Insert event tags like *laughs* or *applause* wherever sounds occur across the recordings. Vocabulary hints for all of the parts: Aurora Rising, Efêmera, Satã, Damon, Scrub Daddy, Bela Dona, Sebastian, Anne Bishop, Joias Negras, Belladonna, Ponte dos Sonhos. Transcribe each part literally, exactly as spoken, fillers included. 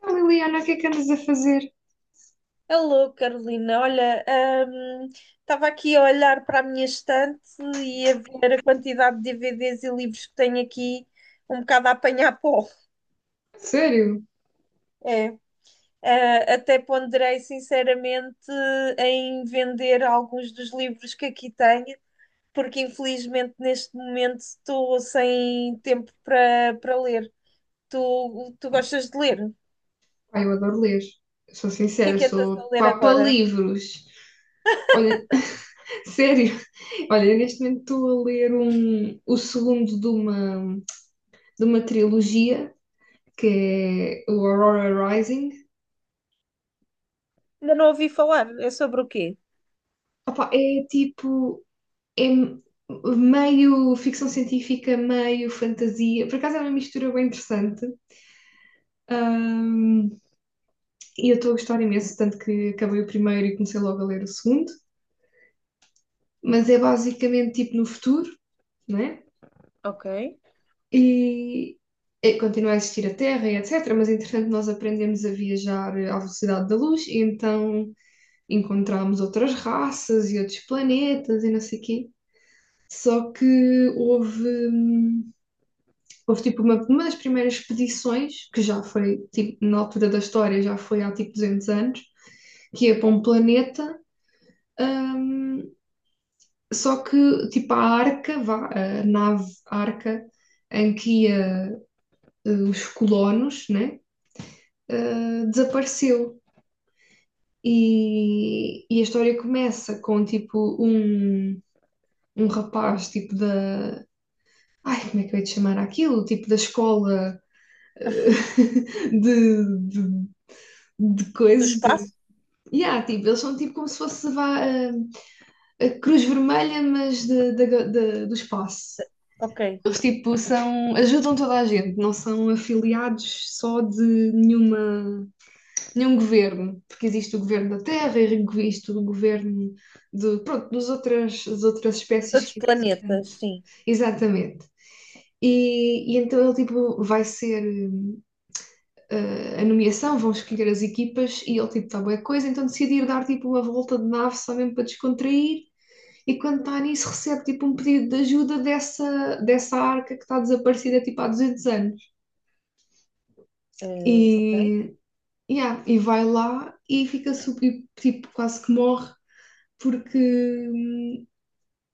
Ah, Liliana, o que é que andas a fazer? Alô, Carolina. Olha, hum, estava aqui a olhar para a minha estante e a ver a quantidade de D V Ds e livros que tenho aqui, um bocado a apanhar pó. Sério? É. Ah, até ponderei sinceramente em vender alguns dos livros que aqui tenho, porque infelizmente neste momento estou sem tempo para para ler. Tu, tu gostas de ler? O Pá, eu adoro ler. Eu sou que é sincera, que andas a sou ler papa agora? livros. Olha, *laughs* sério. Olha, eu neste momento estou a ler um, o segundo de uma, de uma trilogia, que é o Aurora Rising. Ainda não ouvi falar. É sobre o quê? Opá, é tipo, é m- meio ficção científica, meio fantasia. Por acaso é uma mistura bem interessante. Ah, e eu estou a gostar imenso, tanto que acabei o primeiro e comecei logo a ler o segundo. mas é basicamente tipo no futuro, não é? Ok. E eh, continua a existir a Terra e et cetera. Mas entretanto nós aprendemos a viajar eh, à velocidade da luz e então encontramos outras raças e outros planetas e não sei o quê. Só que houve, hum, houve tipo uma, uma das primeiras expedições, que já foi tipo, na altura da história, já foi há tipo duzentos anos, que ia para um planeta. hum, Só que, tipo, a arca, vá, a nave arca em que ia eh, os colonos, né, eh, desapareceu. E, e a história começa com, tipo, um, um rapaz, tipo, da... Ai, como é que eu ia te chamar aquilo? Tipo, da escola eh, *laughs* de, de, de Do coisas, de... espaço? Yeah, tipo, eles são tipo como se fosse vá, a, a Cruz Vermelha, mas de, da- da- do espaço. Ok. Eles tipo são, ajudam toda a gente, não são afiliados só de nenhuma, nenhum governo, porque existe o governo da terra, existe o governo de, pronto, dos outras, das outras Dos espécies outros que planetas, portanto, sim. exatamente. E, e então ele tipo vai ser eh, a nomeação, vão escolher as equipas e ele tipo está boa coisa, então decidir dar tipo uma volta de nave só mesmo para descontrair e quando está nisso, recebe tipo um pedido de ajuda dessa, dessa arca que está desaparecida tipo há duzentos anos. Eh, ok. E, yeah, e vai lá e fica super, tipo, quase que morre porque hum,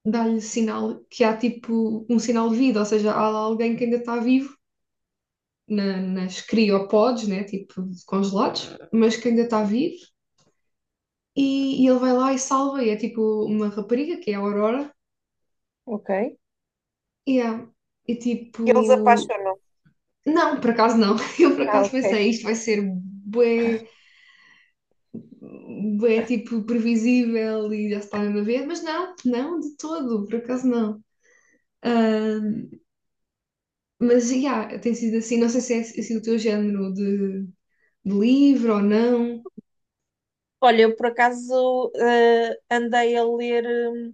dá-lhe sinal que há tipo um sinal de vida, ou seja, há lá alguém que ainda está vivo na- nas criopods, né, tipo congelados, mas que ainda está vivo e, e ele vai lá e salva, e é tipo uma rapariga que é a Aurora, Ok. e é, e E eles tipo. apaixonam. Não, por acaso não. *laughs* Eu por Ah, acaso ok. pensei, isto vai ser bué, bué tipo previsível e já se está mesmo a ver, mas não, não, de todo, por acaso não. Ahm, mas já, tem sido assim, não sei se é assim o teu género de, de livro ou não. Olha, eu por acaso eh, andei a ler hum,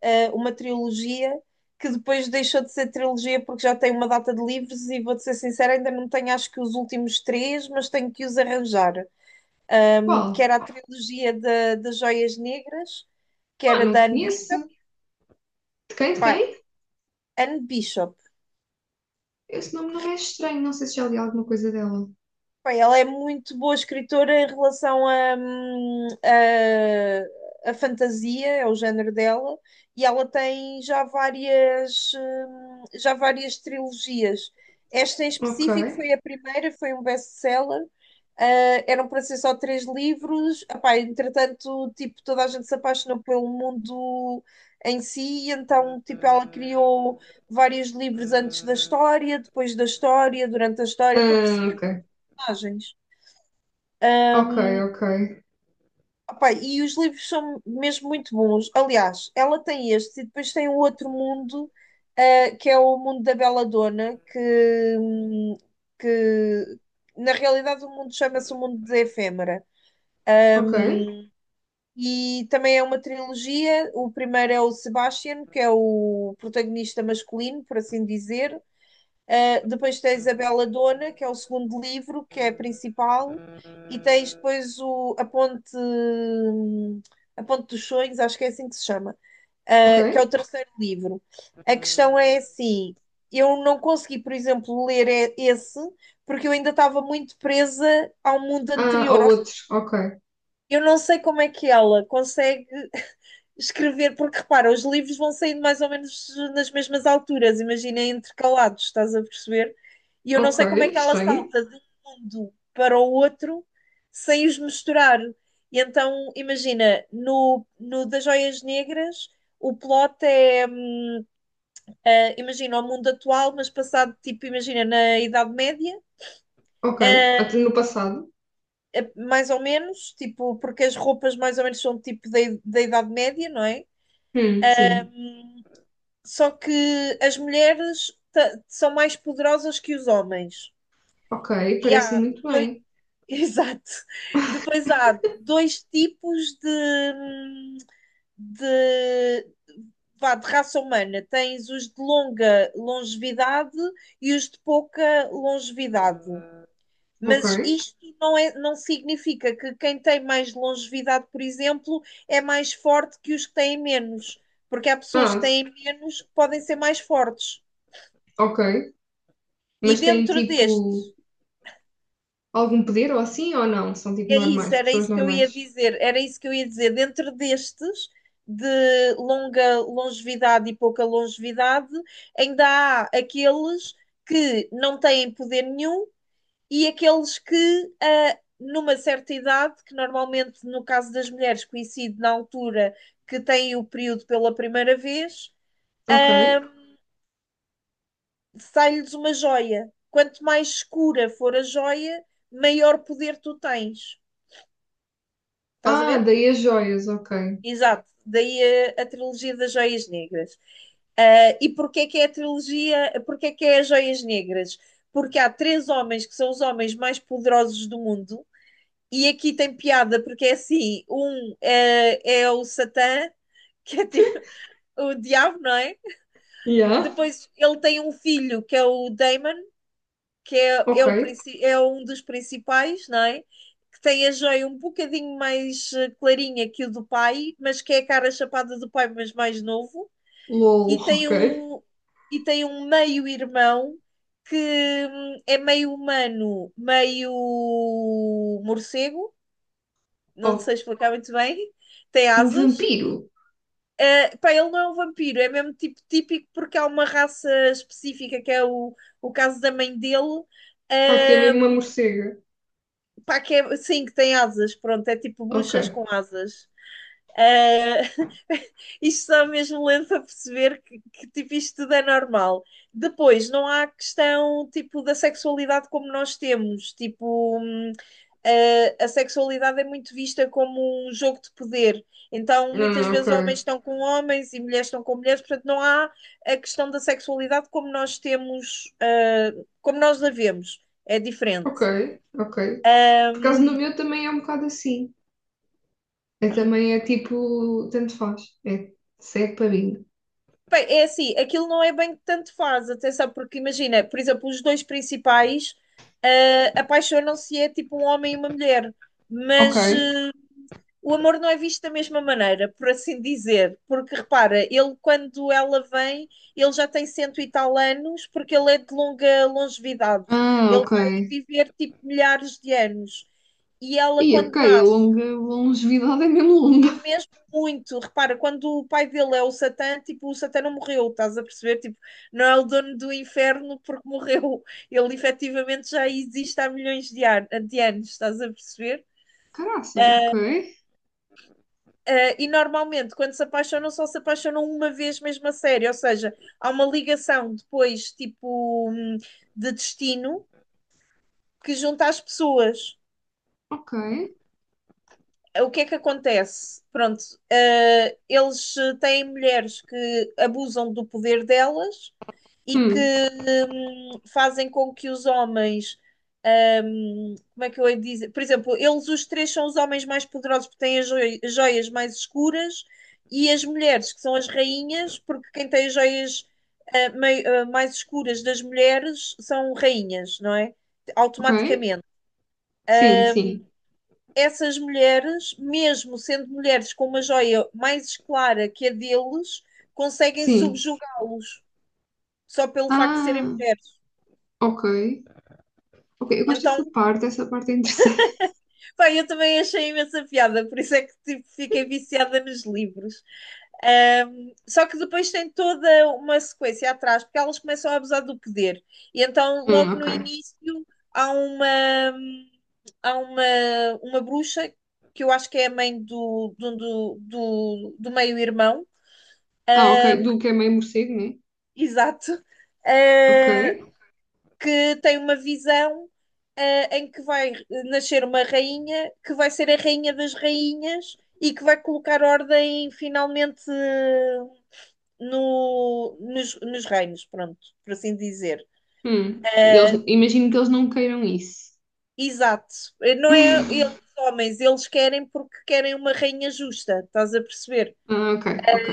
eh, uma trilogia que depois deixou de ser trilogia porque já tem uma data de livros e vou-te ser sincera, ainda não tenho acho que os últimos três, mas tenho que os arranjar. Hum, que Qual? era a trilogia da- das Joias Negras, que Ah, era não da Anne Bishop. conheço. De quem? De Pá, quem? Anne Bishop. Esse nome não me é estranho, não sei se já li alguma coisa dela. Pá, ela é muito boa escritora em relação a, hum, a, a fantasia, é o género dela, e ela tem já várias, hum, já várias trilogias. Esta em Ok. específico foi a primeira, foi um best-seller. Ah, eram para ser só três livros. Epá, entretanto, tipo, toda a gente se apaixonou pelo mundo em si, e então, tipo, ela criou vários livros antes da história, depois da história, durante a história, para Ah, ok. personagens. Ok, ok. Epá, e os livros são mesmo muito bons. Aliás, ela tem este e depois tem o outro mundo, ah, que é o mundo da Belladonna, que, hum, que na realidade o mundo chama-se o mundo da Efêmera. Ok, E também é uma trilogia. O primeiro é o Sebastian, que é o protagonista masculino, por assim dizer. Uh, depois tens a Bela Dona, que é o segundo livro, que é a principal. E tens depois o, a Ponte, a Ponte dos Sonhos, acho que é assim que se chama, ok. uh, que é o terceiro livro. A questão é assim: eu não consegui, por exemplo, ler e- esse, porque eu ainda estava muito presa ao mundo Ah, anterior. ou Ou seja, outro. Ok, eu não sei como é que ela consegue escrever, porque repara, os livros vão saindo mais ou menos nas mesmas alturas, imagina intercalados, estás a perceber? E eu não ok, sei como é que ela estranho. salta de um mundo para o outro sem os misturar. E então, imagina, no, no das Joias Negras, o plot é, eh, imagina, o mundo atual, mas passado, tipo, imagina, na Idade Média, Ok. eh, Até no passado. eh, mais ou menos, tipo, porque as roupas mais ou menos são tipo da, da Idade Média, não é? Hum, sim. Só que as mulheres ta- são mais poderosas que os homens. Ok. E Parece há muito dois, bem. *laughs* exato. Depois há dois tipos de, de, vá, de raça humana. Tens os de longa longevidade e os de pouca longevidade. Ok. Mas isto não é, não significa que quem tem mais longevidade, por exemplo, é mais forte que os que têm menos, porque há pessoas que Ah, têm menos que podem ser mais fortes. ok. E Mas têm dentro destes, tipo algum poder ou assim ou não? São tipo é isso, normais, era pessoas isso que eu normais. ia dizer, era isso que eu ia dizer, dentro destes, de longa longevidade e pouca longevidade, ainda há aqueles que não têm poder nenhum e aqueles que, ah, numa certa idade, que normalmente no caso das mulheres coincide na altura que têm o período pela primeira vez, Ok. ah, sai-lhes uma joia. Quanto mais escura for a joia, maior poder tu tens. Estás a Ah, ver? daí as joias. Ok. Exato, daí a, a trilogia das Joias Negras. Ah, e porquê que é a trilogia, porquê que é as Joias Negras? Porque há três homens que são os homens mais poderosos do mundo, e aqui tem piada, porque é assim: um é, é o Satã, *laughs* que é tipo o diabo, não é? Yeah. Depois ele tem um filho, que é o Damon, que é, Ok. é, o, princi- é um dos principais, não é? Que tem a joia um bocadinho mais eh, clarinha que o do pai, mas que é a cara chapada do pai, mas mais novo. LOL. E *laughs* tem Ok. um, e tem um meio-irmão que hum, é meio humano, meio morcego, não sei Oh, explicar muito bem. Tem é um asas. vampiro. Eh, pá, ele não é um vampiro, é mesmo tipo típico porque há uma raça específica que é o, o caso da mãe dele, Ah, que é ah, mesmo uma morcega. Pá, que é, sim, que tem asas, pronto, é tipo Ok. bruxas com asas. Eh, *laughs* isto só mesmo lento a perceber que, que, tipo, isto tudo é normal. Depois, não há questão tipo da sexualidade como nós temos, tipo, hum, eh, a sexualidade é muito vista como um jogo de poder. Então, muitas Ah, ok. vezes homens estão com homens e mulheres estão com mulheres, portanto, não há a questão da sexualidade como nós temos, eh, como nós a vemos. É diferente. Ok. Ok. Por causa do meu também é um bocado assim. É também é tipo, tanto faz. É cego para mim. Bem, é assim, aquilo não é bem que tanto faz, atenção, porque imagina, por exemplo, os dois principais ah, apaixonam-se, é tipo um homem e uma mulher, mas Ok. ah, o amor não é visto da mesma maneira, por assim dizer, porque repara, ele quando ela vem, ele já tem cento e tal anos, porque ele é de longa longevidade, Ah, ele ok. vai viver tipo milhares de anos, e ela E quando ok, a nasce longa a longevidade é mesmo longa. mesmo muito. Repara, quando o pai dele é o Satã, tipo, o Satã não morreu, estás a perceber? Tipo, não é o dono do inferno porque *laughs* morreu. Ele efetivamente já existe há milhões de, an de anos, estás a perceber? Caraças, ok, Uh, e normalmente, quando se apaixonam, só se apaixonam uma vez mesmo a sério, ou seja, há uma ligação depois, tipo, hum, de destino que junta as pessoas. ok. O que é que acontece? Pronto, eh, eles eh, têm mulheres que abusam do poder delas e que Hum, hum, fazem com que os homens. hum, como é que eu ia dizer? Por exemplo, eles os três são os homens mais poderosos porque têm as joi- joias mais escuras e as mulheres, que são as rainhas, porque quem tem as joias eh, mai- eh, mais escuras das mulheres são rainhas, não é? ok. Automaticamente Sim, sim, essas mulheres, mesmo sendo mulheres com uma joia mais clara que a deles, conseguem sim. subjugá-los só pelo facto de serem Ah, mulheres. ok. Ok, eu gosto Então, dessa parte, essa parte é interessante. *laughs* pá, eu também achei imensa piada, por isso é que tipo, fiquei viciada nos livros. Ahm, só que depois tem toda uma sequência atrás, porque elas começam a abusar do poder. E então, Hum, logo no ok. início, há uma, há uma, uma bruxa, que eu acho que é a mãe do, do, do, do do meio-irmão, Ah, ok, do que é meio morcego, né? exato, Ok. eh, que tem uma visão eh, em que vai nascer uma rainha que vai ser a rainha das rainhas e que vai colocar ordem finalmente eh, no, nos, nos reinos, pronto, por assim dizer. Hum, e eles, Eh, imagino que eles não queiram isso. exato, Eh, não é *laughs* eles homens, eles querem porque querem uma rainha justa, estás a perceber? Ah, ok, ok.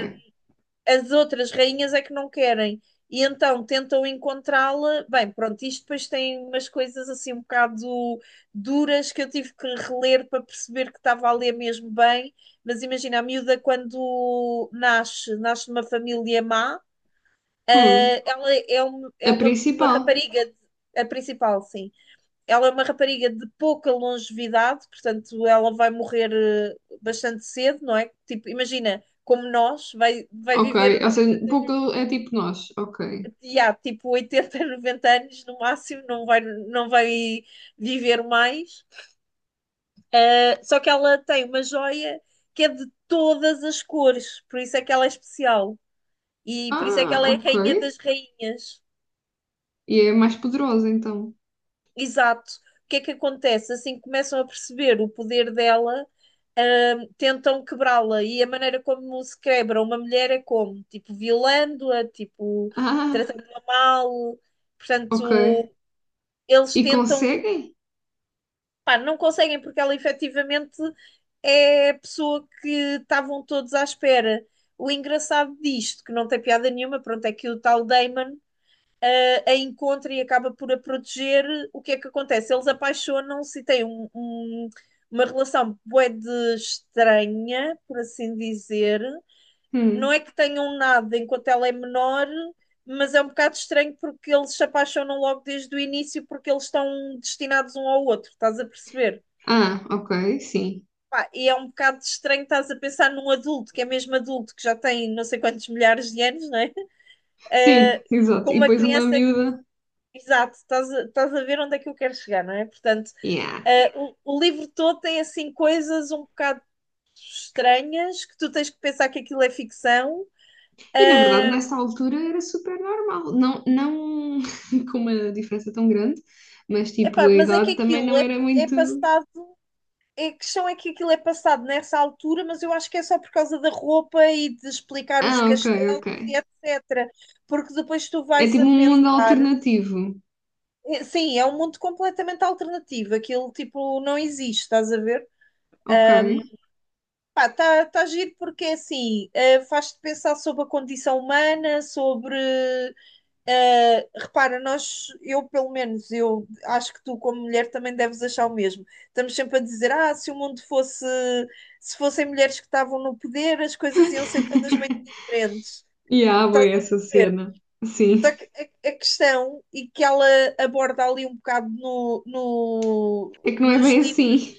As outras rainhas é que não querem. E então tentam encontrá-la. Bem, pronto, isto depois tem umas coisas assim um bocado duras que eu tive que reler para perceber que estava a ler mesmo bem. Mas imagina, a miúda quando nasce, nasce numa família má, Hum, ah, ela é, um- a é uma, uma principal. rapariga, de- a principal, sim. Ela é uma rapariga de pouca longevidade, portanto, ela vai morrer eh, bastante cedo, não é? Tipo, imagina, como nós, vai, vai Ok, viver ou tipo, seja, pouco é tipo nós. Ok. e há tipo oitenta, noventa *laughs* anos no máximo, não vai, não vai viver mais. Uh, só que ela tem uma joia que é de todas as cores, por isso é que ela é especial. E por isso é que Ah, ela é a ok. rainha das rainhas. E é mais poderosa, então. Exato. O que é que acontece? Assim que começam a perceber o poder dela, hum, tentam quebrá-la. E a maneira como se quebra uma mulher é como? Tipo, violando-a, tipo, Ah, tratando-a mal. ok. Portanto, eles E tentam. conseguem? Pá, não conseguem porque ela efetivamente é a pessoa que estavam todos à espera. O engraçado disto, que não tem piada nenhuma, pronto, é que o tal Damon a, a encontra e acaba por a proteger. O que é que acontece? Eles apaixonam-se e têm um- um- uma relação bué de estranha, por assim dizer. Não Hum. é que tenham nada enquanto ela é menor, mas é um bocado estranho porque eles se apaixonam logo desde o início porque eles estão destinados um ao outro, estás a perceber? Ah, ok, sim. Pá, e é um bocado estranho, estás a pensar num adulto, que é mesmo adulto, que já tem não sei quantos milhares de anos, não é? *laughs* Sim, Eh, *laughs* com exato. E uma depois uma criança. miúda. Exato, estás a, estás a ver onde é que eu quero chegar, não é? Portanto, Yeah. eh, o, o livro todo tem assim coisas um bocado estranhas que tu tens que pensar que aquilo é ficção. E na verdade, nessa altura era super normal. Não, não *laughs* com uma diferença tão grande, mas tipo, Epá, a mas é que idade também aquilo não é, era é muito. passado. A questão é que aquilo é passado nessa altura, mas eu acho que é só por causa da roupa e de explicar os Ah, ok, castelos ok. e et cetera. Porque depois tu É vais tipo a um mundo pensar. alternativo. É, sim, é um mundo completamente alternativo. Aquilo, tipo, não existe, estás a ver? Ok. Pá, está tá tá giro porque é assim, eh, faz-te pensar sobre a condição humana, sobre. eh, Repara, nós, eu pelo menos, eu acho que tu, como mulher, também deves achar o mesmo. Estamos sempre a dizer, ah, se o mundo fosse. Se fossem mulheres que estavam no poder, as coisas iam ser todas bem *laughs* diferentes. E há, Estás bué, a essa ver? cena. Só Sim. que a, a questão, e que ela aborda ali um bocado no, no- É que não é nos bem livros, assim.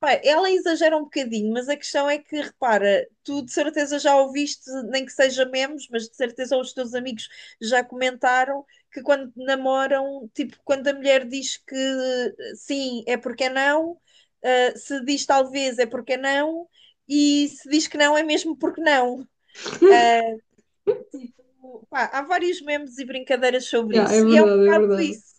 pá, ela exagera um bocadinho, mas a questão é que, repara, tu de certeza já ouviste, nem que seja memes, mas de certeza os teus amigos já comentaram que quando namoram, tipo, quando a mulher diz que sim, é porque é não, ah, se diz talvez é porque é não, e se diz que não, é mesmo porque não. Tipo, pá, há vários memes e brincadeiras sobre Yeah, é isso. E é um verdade, é bocado verdade. isso.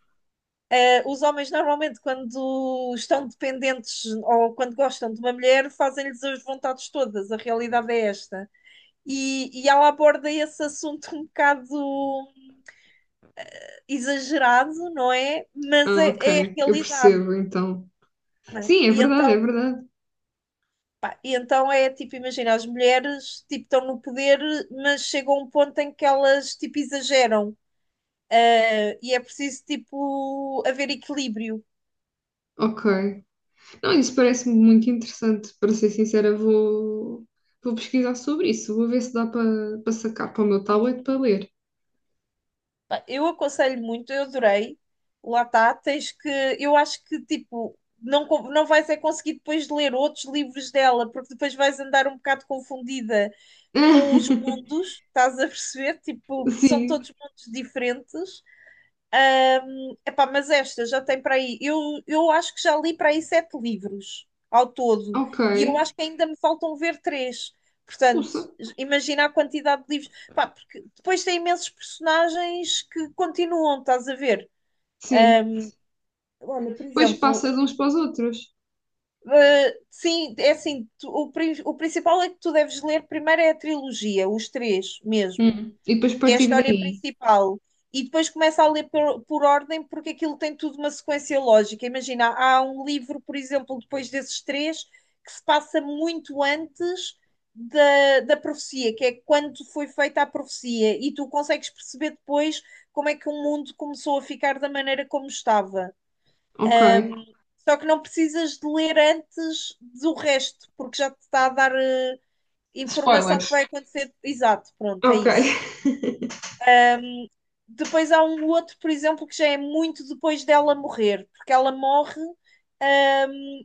Eh, Os homens normalmente, quando estão dependentes ou quando gostam de uma mulher, fazem-lhes as vontades todas. A realidade é esta. E, e ela aborda esse assunto um bocado exagerado, não é? Mas Ah, é, é a ok. Eu realidade. percebo, então. Sim, é E verdade, é então, verdade. pá, e então é tipo, imagina, as mulheres tipo, estão no poder, mas chega um ponto em que elas tipo, exageram. Ah, e é preciso, tipo, haver equilíbrio. Ok. Não, isso parece-me muito interessante. Para ser sincera, vou, vou pesquisar sobre isso. Vou ver se dá para para sacar para o meu tablet para ler. Pá, eu aconselho muito, eu adorei. Lá está, tens que. Eu acho que, tipo, não, con- não vais é conseguir depois ler outros livros dela, porque depois vais andar um bocado confundida com os *laughs* mundos, estás a perceber? Tipo, porque são Sim, todos mundos diferentes. Epá, mas esta já tem para aí. Eu, eu acho que já li para aí sete livros ao todo. ok. E eu acho que ainda me faltam ver três. Portanto, Pulsa. imagina a quantidade de livros. Pá, porque depois tem imensos personagens que continuam, estás a ver? Sim. Olha, por Depois exemplo, passa de uns para os outros. um, eh, sim, é assim, tu- o, pri- o principal é que tu deves ler primeiro é a trilogia, os três mesmo. Hum. E depois Que é a partir história daí. principal. E depois começa a ler por, por ordem, porque aquilo tem tudo uma sequência lógica. Imagina, há um livro, por exemplo, depois desses três, que se passa muito antes da, da profecia, que é quando foi feita a profecia, e tu consegues perceber depois como é que o mundo começou a ficar da maneira como estava. Ok. Só que não precisas de ler antes do resto, porque já te está a dar eh, informação que Spoilers. vai acontecer. Exato, pronto, é Ok. isso. *laughs* Depois há um outro, por exemplo, que já é muito depois dela morrer, porque ela morre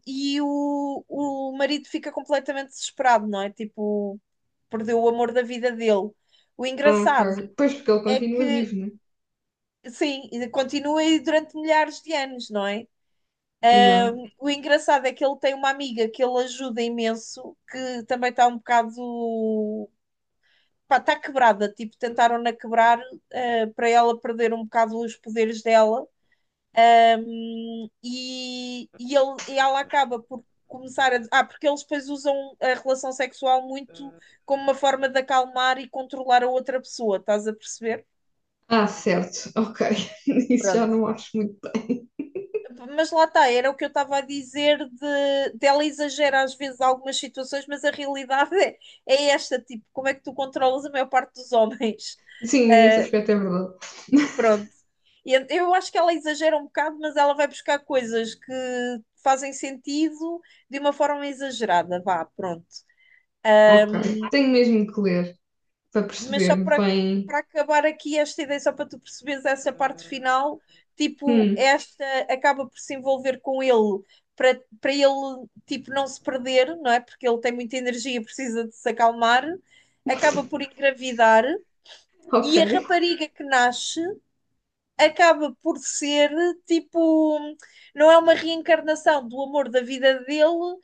e o, o marido fica completamente desesperado, não é? Tipo, perdeu o amor da vida dele. O Ok. engraçado Pois porque ele é continua que, vivo, né? sim, continua aí durante milhares de anos, não é? Yeah. O engraçado é que ele tem uma amiga que ele ajuda imenso, que também está um bocado. Pá, está quebrada, tipo, tentaram-na quebrar eh, para ela perder um bocado os poderes dela. Um, e, e, ele, e ela acaba por começar a. Ah, porque eles depois usam a relação sexual muito como uma forma de acalmar e controlar a outra pessoa, estás a perceber? Ah, certo. Ok. *laughs* Isso já Pronto. não acho muito. Mas lá está, era o que eu estava a dizer de, de ela exagera às vezes algumas situações, mas a realidade *laughs* é, é esta, tipo, como é que tu controlas a maior parte dos homens? Sim, nesse Ah, aspecto é verdade. pronto. E ent- eu acho que ela exagera um bocado, mas ela vai buscar coisas que fazem sentido de uma forma exagerada, vá, pronto. Ok. Tenho mesmo que ler. para Mas perceber só para bem. para acabar aqui esta ideia, só para tu perceberes essa parte final, tipo, Hum, esta acaba por se envolver com ele para para ele, tipo, não se perder, não é? Porque ele tem muita energia, precisa de se acalmar, *laughs* acaba por engravidar ok. e a rapariga que nasce acaba por ser tipo, não é uma reencarnação do amor da vida dele,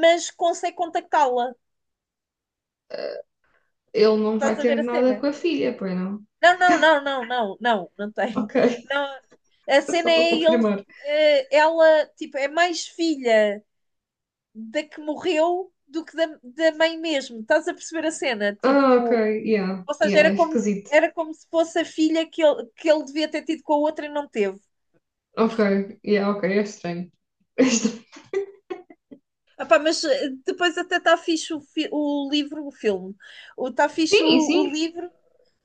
mas consegue contactá-la. Ele não Estás vai a ter ver a nada cena? com a filha, pois não? Não, não, não, não, não, não, não tem. Ok, Não, a *laughs* cena só para é ele, confirmar. eh, ela, tipo, é mais filha da que morreu do que da, da mãe mesmo. Estás a perceber a cena? Ah, ok, Tipo, yeah, ou seja, yeah, é era como, esquisito. era como se fosse a filha que ele, que ele devia ter tido com a outra e não teve. Ok, yeah, ok, é estranho. *laughs* É estranho. Epá, mas eh, depois até está fixe o, fi- o livro, o filme. Está fixe o, Sim, o sim, livro,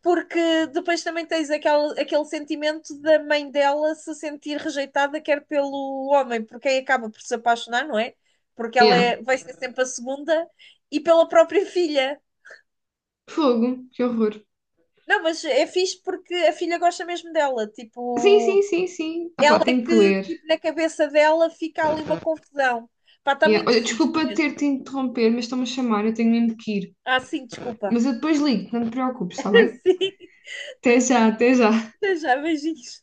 porque depois também tens aquele, aquele sentimento da mãe dela se sentir rejeitada, quer pelo homem, por quem acaba por se apaixonar, não é? Porque ela yeah. é, vai ser sempre a segunda, e pela própria filha. Fogo, que horror. Não, mas é fixe porque a filha gosta mesmo dela. Sim, sim, Tipo, sim, sim. Ah pá, ela é tenho que que, ler. tipo, na cabeça dela fica ali uma confusão. Pá, está Yeah. muito Olha, fixe desculpa mesmo. ter-te interromper, mas estão-me a chamar, eu tenho mesmo que ir. Ah, sim, desculpa. Mas eu depois ligo, não te preocupes, está bem? *laughs* Sim. Até já, até já. Até já, beijinhos.